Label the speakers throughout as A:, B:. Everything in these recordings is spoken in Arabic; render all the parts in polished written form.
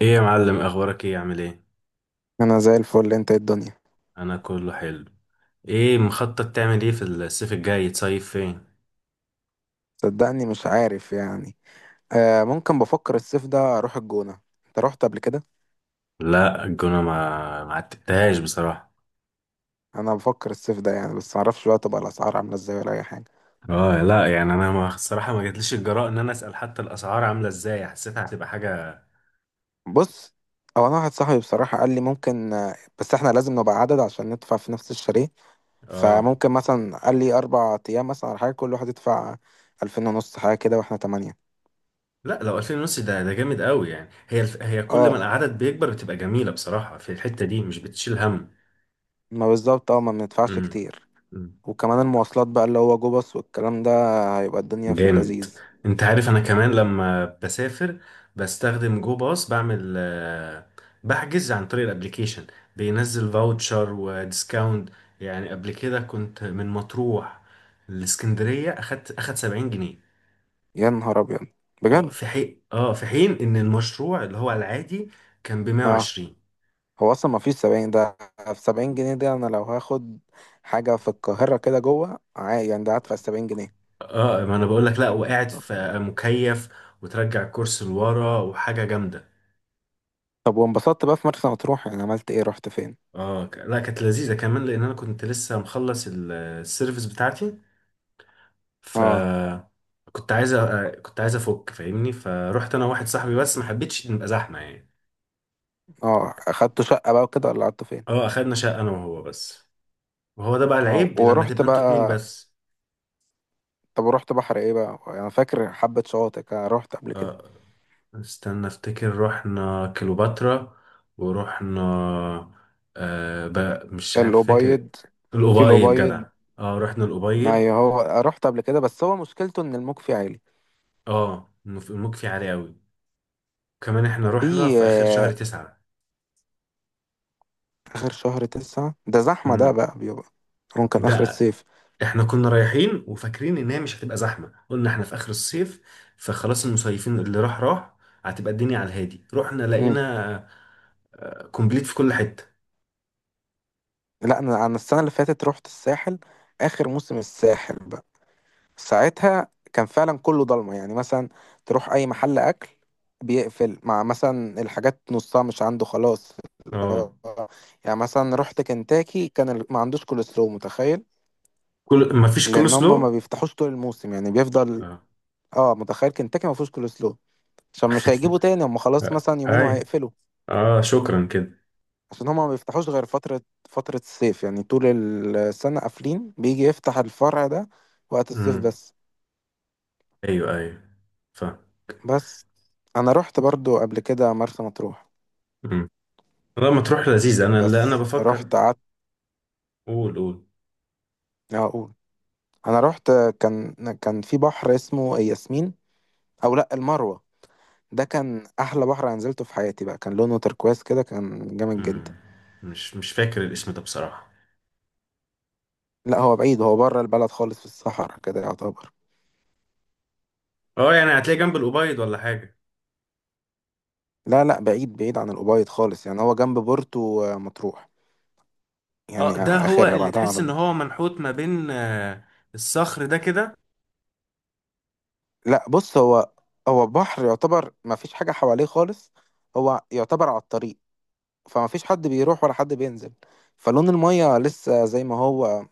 A: ايه يا معلم، اخبارك؟ ايه عامل ايه؟
B: انا زي الفل. انت إيه الدنيا؟
A: انا كله حلو. ايه مخطط تعمل ايه في الصيف الجاي؟ تصيف فين؟
B: صدقني مش عارف يعني. آه، ممكن بفكر الصيف ده اروح الجونة. انت رحت قبل كده؟
A: لا، الجونة ما عتبتهاش بصراحة.
B: انا بفكر الصيف ده يعني، بس معرفش بقى، تبقى الاسعار عاملة ازاي ولا اي حاجة.
A: اه لا يعني، انا ما الصراحة ما جاتليش الجراء ان انا اسأل حتى الاسعار عاملة ازاي، حسيتها هتبقى حاجة.
B: بص، هو انا واحد صاحبي بصراحة قال لي ممكن، بس احنا لازم نبقى عدد عشان ندفع في نفس الشاليه.
A: اه
B: فممكن مثلا قال لي 4 ايام مثلا، على حاجة كل واحد يدفع 2500 حاجة كده، واحنا 8.
A: لا، لو 2000 ونص ده جامد قوي يعني. هي كل ما
B: اه،
A: العدد بيكبر بتبقى جميلة بصراحة، في الحتة دي مش بتشيل هم.
B: ما بالظبط. اه، ما بندفعش
A: امم
B: كتير.
A: امم.
B: وكمان المواصلات بقى اللي هو جو باص والكلام ده، هيبقى الدنيا في
A: جامد.
B: اللذيذ.
A: انت عارف، انا كمان لما بسافر بستخدم جو باص، بعمل بحجز عن طريق الابليكيشن، بينزل فاوتشر وديسكاونت. يعني قبل كده كنت من مطروح لاسكندرية اخد 70 جنيه.
B: يا نهار ابيض!
A: اه
B: بجد؟
A: في حين اه في حين ان المشروع اللي هو العادي كان ب
B: اه،
A: 120.
B: هو اصلا ما فيش 70 ده. في 70 جنيه دي انا لو هاخد حاجه في القاهره كده جوه عادي، يعني ده هدفع 70 جنيه.
A: اه ما انا بقول لك، لا وقاعد في مكيف وترجع الكرسي لورا وحاجة جامدة.
B: طب وانبسطت بقى في مرسى مطروح؟ يعني عملت ايه؟ رحت فين؟
A: لا كانت لذيذة كمان، لأن أنا كنت لسه مخلص السيرفيس بتاعتي. ف
B: اه،
A: كنت عايز أفك فاهمني، فروحت أنا وواحد صاحبي بس، ما حبيتش نبقى زحمة يعني.
B: اه، اخدت شقه بقى وكده ولا قعدت فين؟
A: اه، أخدنا شقة أنا وهو بس، وهو ده بقى
B: اه،
A: العيب لما
B: ورحت
A: تبقى أنتوا اتنين
B: بقى.
A: بس.
B: طب ورحت بحر ايه بقى؟ انا فاكر حبه شواطئ كده رحت قبل كده.
A: اه استنى أفتكر، رحنا كليوباترا ورحنا، آه بقى مش عارف فاكر.
B: الابيض. في
A: الأبيض
B: الابيض.
A: جدع، اه رحنا الأبيض.
B: ايوه، هو رحت قبل كده، بس هو مشكلته ان الموج فيه عالي.
A: اه المك فيه عالي أوي. كمان احنا رحنا
B: في
A: في آخر شهر تسعة.
B: آخر شهر تسعة ده زحمة، ده
A: مم.
B: بقى بيبقى. ممكن آخر
A: ده
B: الصيف.
A: احنا كنا رايحين وفاكرين ان هي مش هتبقى زحمه، قلنا احنا في اخر الصيف فخلاص المصيفين اللي راح راح، هتبقى الدنيا على الهادي. رحنا
B: مم.
A: لقينا كومبليت في كل حته.
B: لا، أنا السنة اللي فاتت رحت الساحل. آخر موسم الساحل بقى. ساعتها كان فعلا كله ضلمة، يعني مثلا تروح أي محل أكل بيقفل، مع مثلا الحاجات نصها مش عنده خلاص.
A: اه
B: يعني مثلا رحت كنتاكي، كان ما عندوش كول سلو، متخيل!
A: كل ما فيش كل
B: لأن هم ما
A: سلو.
B: بيفتحوش طول الموسم، يعني بيفضل.
A: اه
B: اه، متخيل كنتاكي ما فيهوش كول سلو، عشان مش هيجيبوا تاني، هم خلاص
A: آه،
B: مثلا يومين
A: اي
B: وهيقفلوا.
A: اه شكرا كده.
B: عشان هما ما بيفتحوش غير فترة الصيف، يعني طول السنة قافلين، بيجي يفتح الفرع ده وقت الصيف
A: امم
B: بس.
A: ايوه ايوه. ف
B: بس أنا رحت برضو قبل كده مرسى مطروح.
A: امم لا ما تروح لذيذ، انا اللي انا
B: بس
A: بفكر.
B: رحت قعدت.
A: قول قول.
B: أقول، أنا رحت. كان كان في بحر اسمه ياسمين، أو لأ، المروة. ده كان أحلى بحر أنا نزلته في حياتي بقى، كان لونه تركواز كده، كان جامد جدا.
A: امم مش فاكر الاسم ده بصراحه.
B: لأ، هو بعيد، هو بره البلد خالص، في الصحراء كده يعتبر.
A: اه يعني هتلاقي جنب الأوبايد ولا حاجه؟
B: لا، لا، بعيد بعيد عن الأوبايد خالص، يعني هو جنب بورتو مطروح، يعني
A: اه ده هو
B: آخرها
A: اللي
B: بعدها على
A: تحس ان
B: طول.
A: هو منحوت ما بين الصخر ده كده.
B: لا، بص. هو بحر يعتبر ما فيش حاجة حواليه خالص، هو يعتبر على الطريق، فما فيش حد بيروح ولا حد بينزل، فلون المية لسه زي ما هو،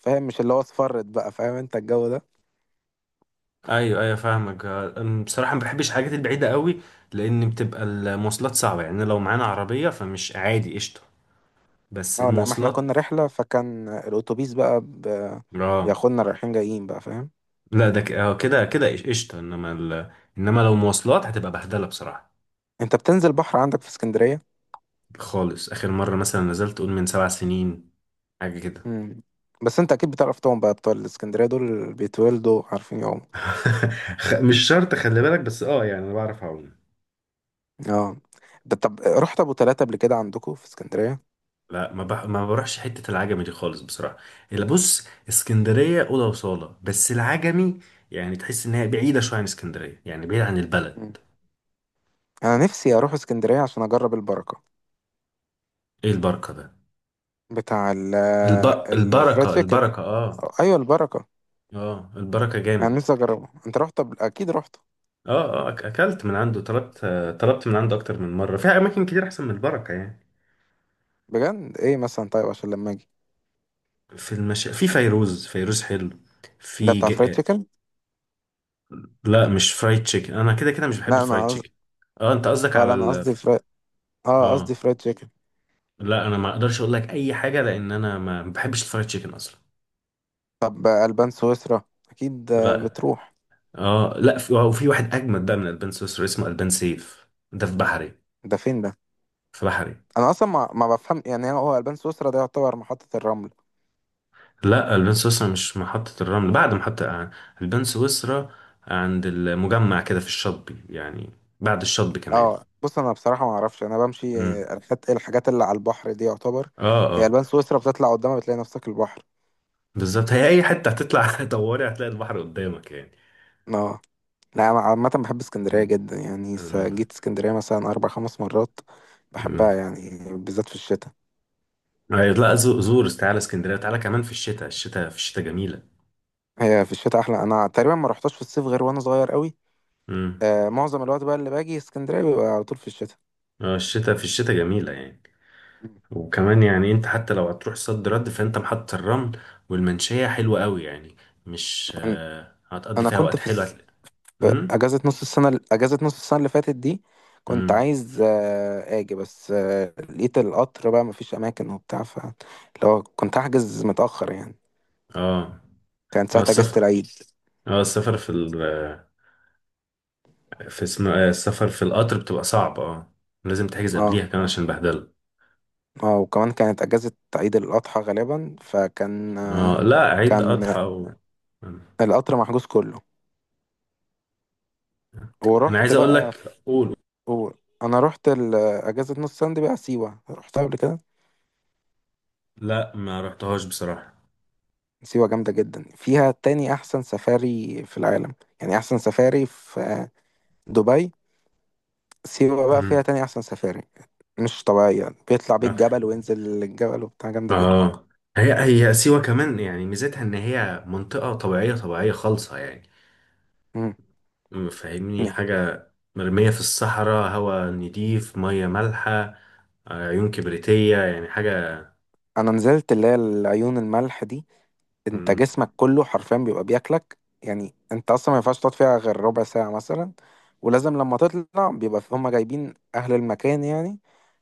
B: فاهم؟ مش اللي هو اصفرت بقى، فاهم انت الجو ده.
A: ايوه ايوه فاهمك. أنا بصراحه ما بحبش الحاجات البعيده قوي، لان بتبقى المواصلات صعبه يعني. لو معانا عربيه فمش عادي، قشطه. بس
B: اه لا، ما احنا
A: المواصلات.
B: كنا رحلة، فكان الاتوبيس بقى
A: اه
B: بياخدنا رايحين جايين بقى، فاهم؟
A: لا ده ك- آه، كده قشطه، انما لو مواصلات هتبقى بهدله بصراحه.
B: انت بتنزل بحر عندك في اسكندرية؟
A: خالص اخر مره مثلا نزلت قول من 7 سنين حاجه كده.
B: مم. بس انت اكيد بتعرف طبعا، بقى بتوع الاسكندرية دول بيتولدوا عارفين يعوموا.
A: مش شرط خلي بالك، بس اه يعني انا بعرف اعوم.
B: اه، ده طب رحت ابو تلاتة قبل كده عندكم في اسكندرية؟
A: لا ما بروحش حتة العجمي دي خالص بصراحة. اللي بص، اسكندرية أوضة وصالة، بس العجمي يعني تحس إن هي بعيدة شوية عن اسكندرية، يعني بعيدة عن البلد.
B: انا نفسي اروح اسكندريه عشان اجرب البركه.
A: إيه البركة ده؟
B: بتاع
A: الب...
B: الفرايد
A: البركة،
B: تشيكن.
A: البركة، آه.
B: ايوه، البركه.
A: آه البركة
B: يعني
A: جامد.
B: نفسي اجربه، انت رحت اكيد رحت.
A: آه آه أكلت من عنده، طلبت طلبت من عنده أكتر من مرة في أماكن كتير أحسن من البركة يعني.
B: بجد؟ ايه مثلا طيب، عشان لما اجي؟
A: في فيروز، فيروز حلو.
B: ده
A: في
B: بتاع
A: ج...
B: فرايد
A: آه،
B: تشيكن؟
A: لا مش فرايد تشيكن، أنا كده كده مش بحب
B: لا،
A: الفرايد
B: انا قصدي.
A: تشيكن. آه أنت قصدك
B: اه، لا،
A: على
B: انا
A: ال...
B: قصدي اه، قصدي
A: آه
B: فرايد تشيكن.
A: لا انا ما اقدرش اقول لك اي حاجه، لان انا ما بحبش الفرايد تشيكن اصلا.
B: طب البان سويسرا اكيد
A: لا
B: بتروح؟
A: اه لا، في وفي واحد اجمد بقى من البان سويسرا اسمه البان سيف، ده في بحري.
B: ده فين ده؟
A: في بحري.
B: انا اصلا ما بفهم، يعني هو البان سويسرا ده يعتبر محطه الرمل؟
A: لا البان سويسرا مش محطه الرمل، بعد محطه البان سويسرا، عند المجمع كده في الشاطبي يعني، بعد الشاطبي كمان.
B: اه، بص، انا بصراحه ما اعرفش، انا بمشي
A: امم
B: الحاجات اللي على البحر دي يعتبر.
A: اه
B: هي
A: اه.
B: البان سويسرا بتطلع قدامها بتلاقي نفسك البحر.
A: بالظبط، هي اي حته هتطلع دوري هتلاقي البحر قدامك يعني.
B: اه، لا، أنا عامة بحب اسكندرية
A: مم.
B: جدا، يعني
A: مم.
B: جيت اسكندرية مثلا أربع خمس مرات. بحبها
A: مم.
B: يعني بالذات في الشتاء.
A: أيوة، لا زور تعالى اسكندريه، تعالى كمان في الشتاء، الشتاء، في الشتاء جميله.
B: هي في الشتاء أحلى، أنا تقريبا ما رحتش في الصيف غير وأنا صغير قوي.
A: مم.
B: معظم الوقت بقى اللي باجي اسكندرية بيبقى على طول في الشتاء.
A: الشتاء، في الشتاء جميلة يعني. وكمان يعني انت حتى لو هتروح صد رد فانت محطة الرمل والمنشية حلوة قوي يعني. مش
B: أنا
A: هتقضي
B: أنا
A: فيها
B: كنت
A: وقت حلو هتلاقي.
B: في
A: امم
B: أجازة نص السنة اللي فاتت دي. كنت
A: امم
B: عايز آجي، بس لقيت القطر بقى مفيش أماكن وبتاع، فاللي هو كنت هحجز متأخر يعني.
A: اه
B: كانت
A: اه.
B: ساعة أجازة
A: السفر،
B: العيد.
A: اه السفر في ال في اسمه السفر في القطر بتبقى صعب. اه لازم تحجز
B: اه،
A: قبليها كمان عشان بهدله.
B: اه، وكمان كانت اجازة عيد الاضحى غالبا، فكان آه،
A: اه لا عيد
B: كان
A: اضحى و...
B: القطر محجوز كله.
A: انا
B: ورحت
A: عايز اقول
B: بقى
A: لك. قول.
B: و... انا رحت اجازة نص سنة دي بقى، سيوة رحتها قبل كده؟
A: لا ما رحتهاش بصراحة.
B: سيوة جامدة جدا، فيها تاني احسن سفاري في العالم، يعني احسن سفاري في دبي. سيوة بقى فيها
A: امم
B: تاني احسن سفاري. مش طبيعية، بيطلع بيك جبل وينزل الجبل وبتاع، جامدة جدا.
A: اه هي هي سيوة كمان يعني ميزتها ان هي منطقة طبيعية طبيعية خالصة يعني.
B: مم.
A: فاهمني
B: يعني
A: حاجة؟ مرمية في الصحراء، هواء نضيف، مية مالحة، عيون كبريتية يعني حاجة.
B: انا نزلت اللي هي العيون الملح دي، انت
A: م،
B: جسمك كله حرفيا بيبقى بياكلك. يعني انت اصلا ما ينفعش تقعد فيها غير ربع ساعة مثلا، ولازم لما تطلع بيبقى هما جايبين اهل المكان يعني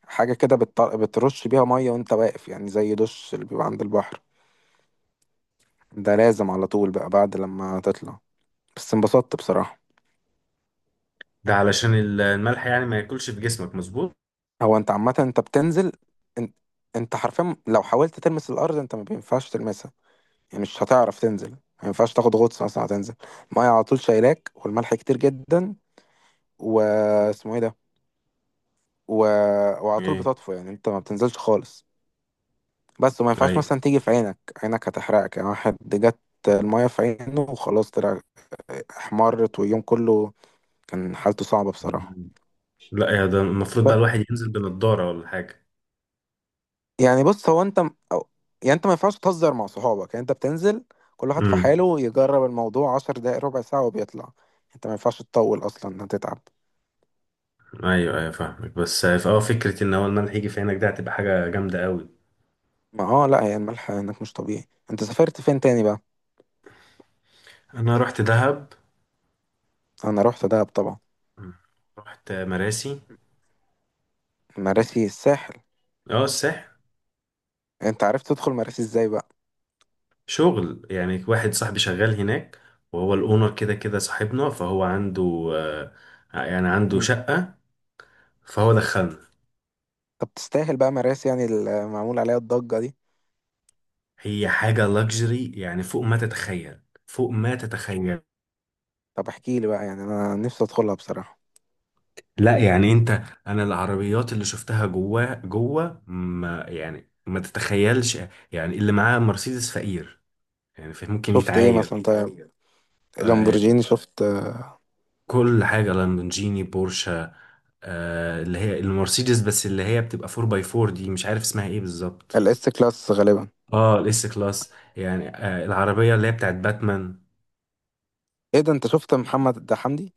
B: حاجة كده، بترش بيها مية وانت واقف، يعني زي دش اللي بيبقى عند البحر، ده لازم على طول بقى بعد لما تطلع. بس انبسطت بصراحة.
A: ده علشان الملح يعني ما ياكلش في جسمك، مظبوط.
B: هو انت عامة انت بتنزل، انت, انت حرفيا لو حاولت تلمس الارض انت ما بينفعش تلمسها. يعني مش هتعرف تنزل، ما ينفعش تاخد غطس مثلا، هتنزل المية على طول شايلاك والملح كتير جدا. واسمه ايه ده. و... وعلى طول
A: ايه.
B: بتطفو، يعني انت ما بتنزلش خالص. بس، وما ينفعش
A: ايوه.
B: مثلا تيجي في عينك، عينك هتحرقك، يعني واحد جت المية في عينه وخلاص طلع احمرت، واليوم كله كان حالته صعبة بصراحة.
A: م- لا يا ده المفروض
B: ب...
A: بقى الواحد ينزل بنضارة ولا حاجة.
B: يعني بص، هو انت يعني انت ما ينفعش تهزر مع صحابك، يعني انت بتنزل كل واحد في
A: امم
B: حاله يجرب الموضوع 10 دقايق ربع ساعة وبيطلع. انت ما ينفعش تطول اصلا هتتعب.
A: ايوه ايوه فاهمك. بس اه فكرة ان هو الملح يجي في عينك ده هتبقى حاجة جامدة قوي.
B: ما، لا، هي الملح هناك مش طبيعي. انت سافرت فين تاني بقى؟
A: انا رحت دهب.
B: انا رحت دهب طبعا.
A: مم. رحت مراسي.
B: مراسي الساحل.
A: اه الساحل.
B: انت عرفت تدخل مراسي ازاي بقى؟
A: شغل يعني، واحد صاحبي شغال هناك، وهو الاونر كده كده صاحبنا، فهو عنده يعني عنده
B: مم.
A: شقة فهو دخلنا.
B: طب تستاهل بقى مراس، يعني المعمول عليها الضجة دي؟
A: هي حاجة لاكجري يعني فوق ما تتخيل، فوق ما تتخيل.
B: طب احكي لي بقى، يعني انا نفسي ادخلها بصراحة.
A: لا يعني انت، انا العربيات اللي شفتها جوه جوه ما يعني ما تتخيلش، يعني اللي معاه مرسيدس فقير يعني، فممكن
B: شفت ايه
A: يتعاير.
B: مثلا طيب؟
A: آه،
B: لامبورجيني شفت؟
A: كل حاجة لامبورجيني، بورشة، آه اللي هي المرسيدس، بس اللي هي بتبقى 4 باي 4 دي مش عارف اسمها ايه بالظبط.
B: الاس كلاس غالبا.
A: اه الاس كلاس يعني، آه العربيه اللي هي بتاعت باتمان.
B: ايه ده؟ انت شفت محمد ده حمدي؟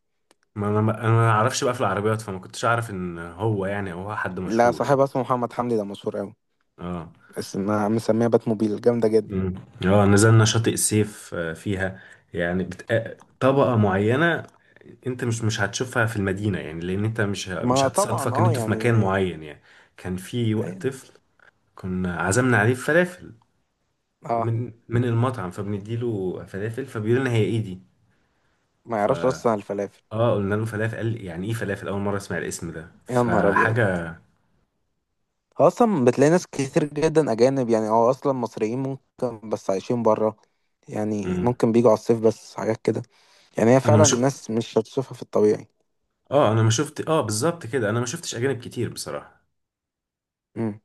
A: ما انا ما اعرفش بقى في العربيات، فما كنتش اعرف ان هو يعني او هو حد
B: لا،
A: مشهور يعني.
B: صاحبها اسمه محمد حمدي، ده مشهور قوي.
A: اه.
B: اسمها مسميها بات موبيل، جامدة جدا.
A: مم. اه نزلنا شاطئ السيف فيها. يعني بت... آه، طبقه معينه، انت مش هتشوفها في المدينه يعني، لان انت مش مش
B: ما طبعا،
A: هتصادفك ان
B: اه،
A: انتوا في مكان
B: يعني.
A: معين يعني. كان في وقت
B: أيوة.
A: طفل كنا عزمنا عليه فلافل
B: اه،
A: من المطعم فبنديله فلافل فبيقول لنا هي ايه دي.
B: ما
A: ف
B: يعرفش اصلا الفلافل.
A: اه قلنا له فلافل، قال يعني ايه فلافل، اول مره اسمع الاسم ده
B: يا نهار ابيض!
A: فحاجه.
B: هو اصلا بتلاقي ناس كتير جدا اجانب، يعني اصلا مصريين ممكن بس عايشين بره، يعني
A: مم.
B: ممكن بيجوا على الصيف بس، حاجات كده. يعني هي
A: انا ما
B: فعلا
A: شفت
B: الناس مش هتشوفها في الطبيعي.
A: اه انا ما شفت اه بالظبط كده، انا ما شفتش اجانب كتير بصراحه.
B: امم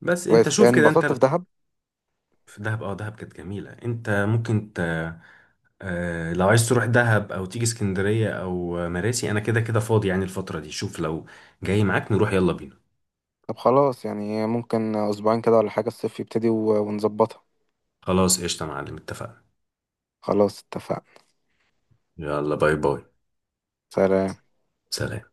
A: بس انت
B: بس
A: شوف
B: يعني
A: كده انت.
B: انبسطت في دهب.
A: في دهب، اه دهب كانت جميله. انت ممكن آه لو عايز تروح دهب او تيجي اسكندريه او مراسي، انا كده كده فاضي يعني الفتره دي. شوف لو جاي معاك نروح، يلا بينا.
B: طب خلاص، يعني ممكن اسبوعين كده ولا حاجة، الصيف يبتدي ونظبطها.
A: خلاص قشطه يا معلم، اتفقنا.
B: خلاص، اتفقنا.
A: يلا باي باي.
B: سلام.
A: سلام.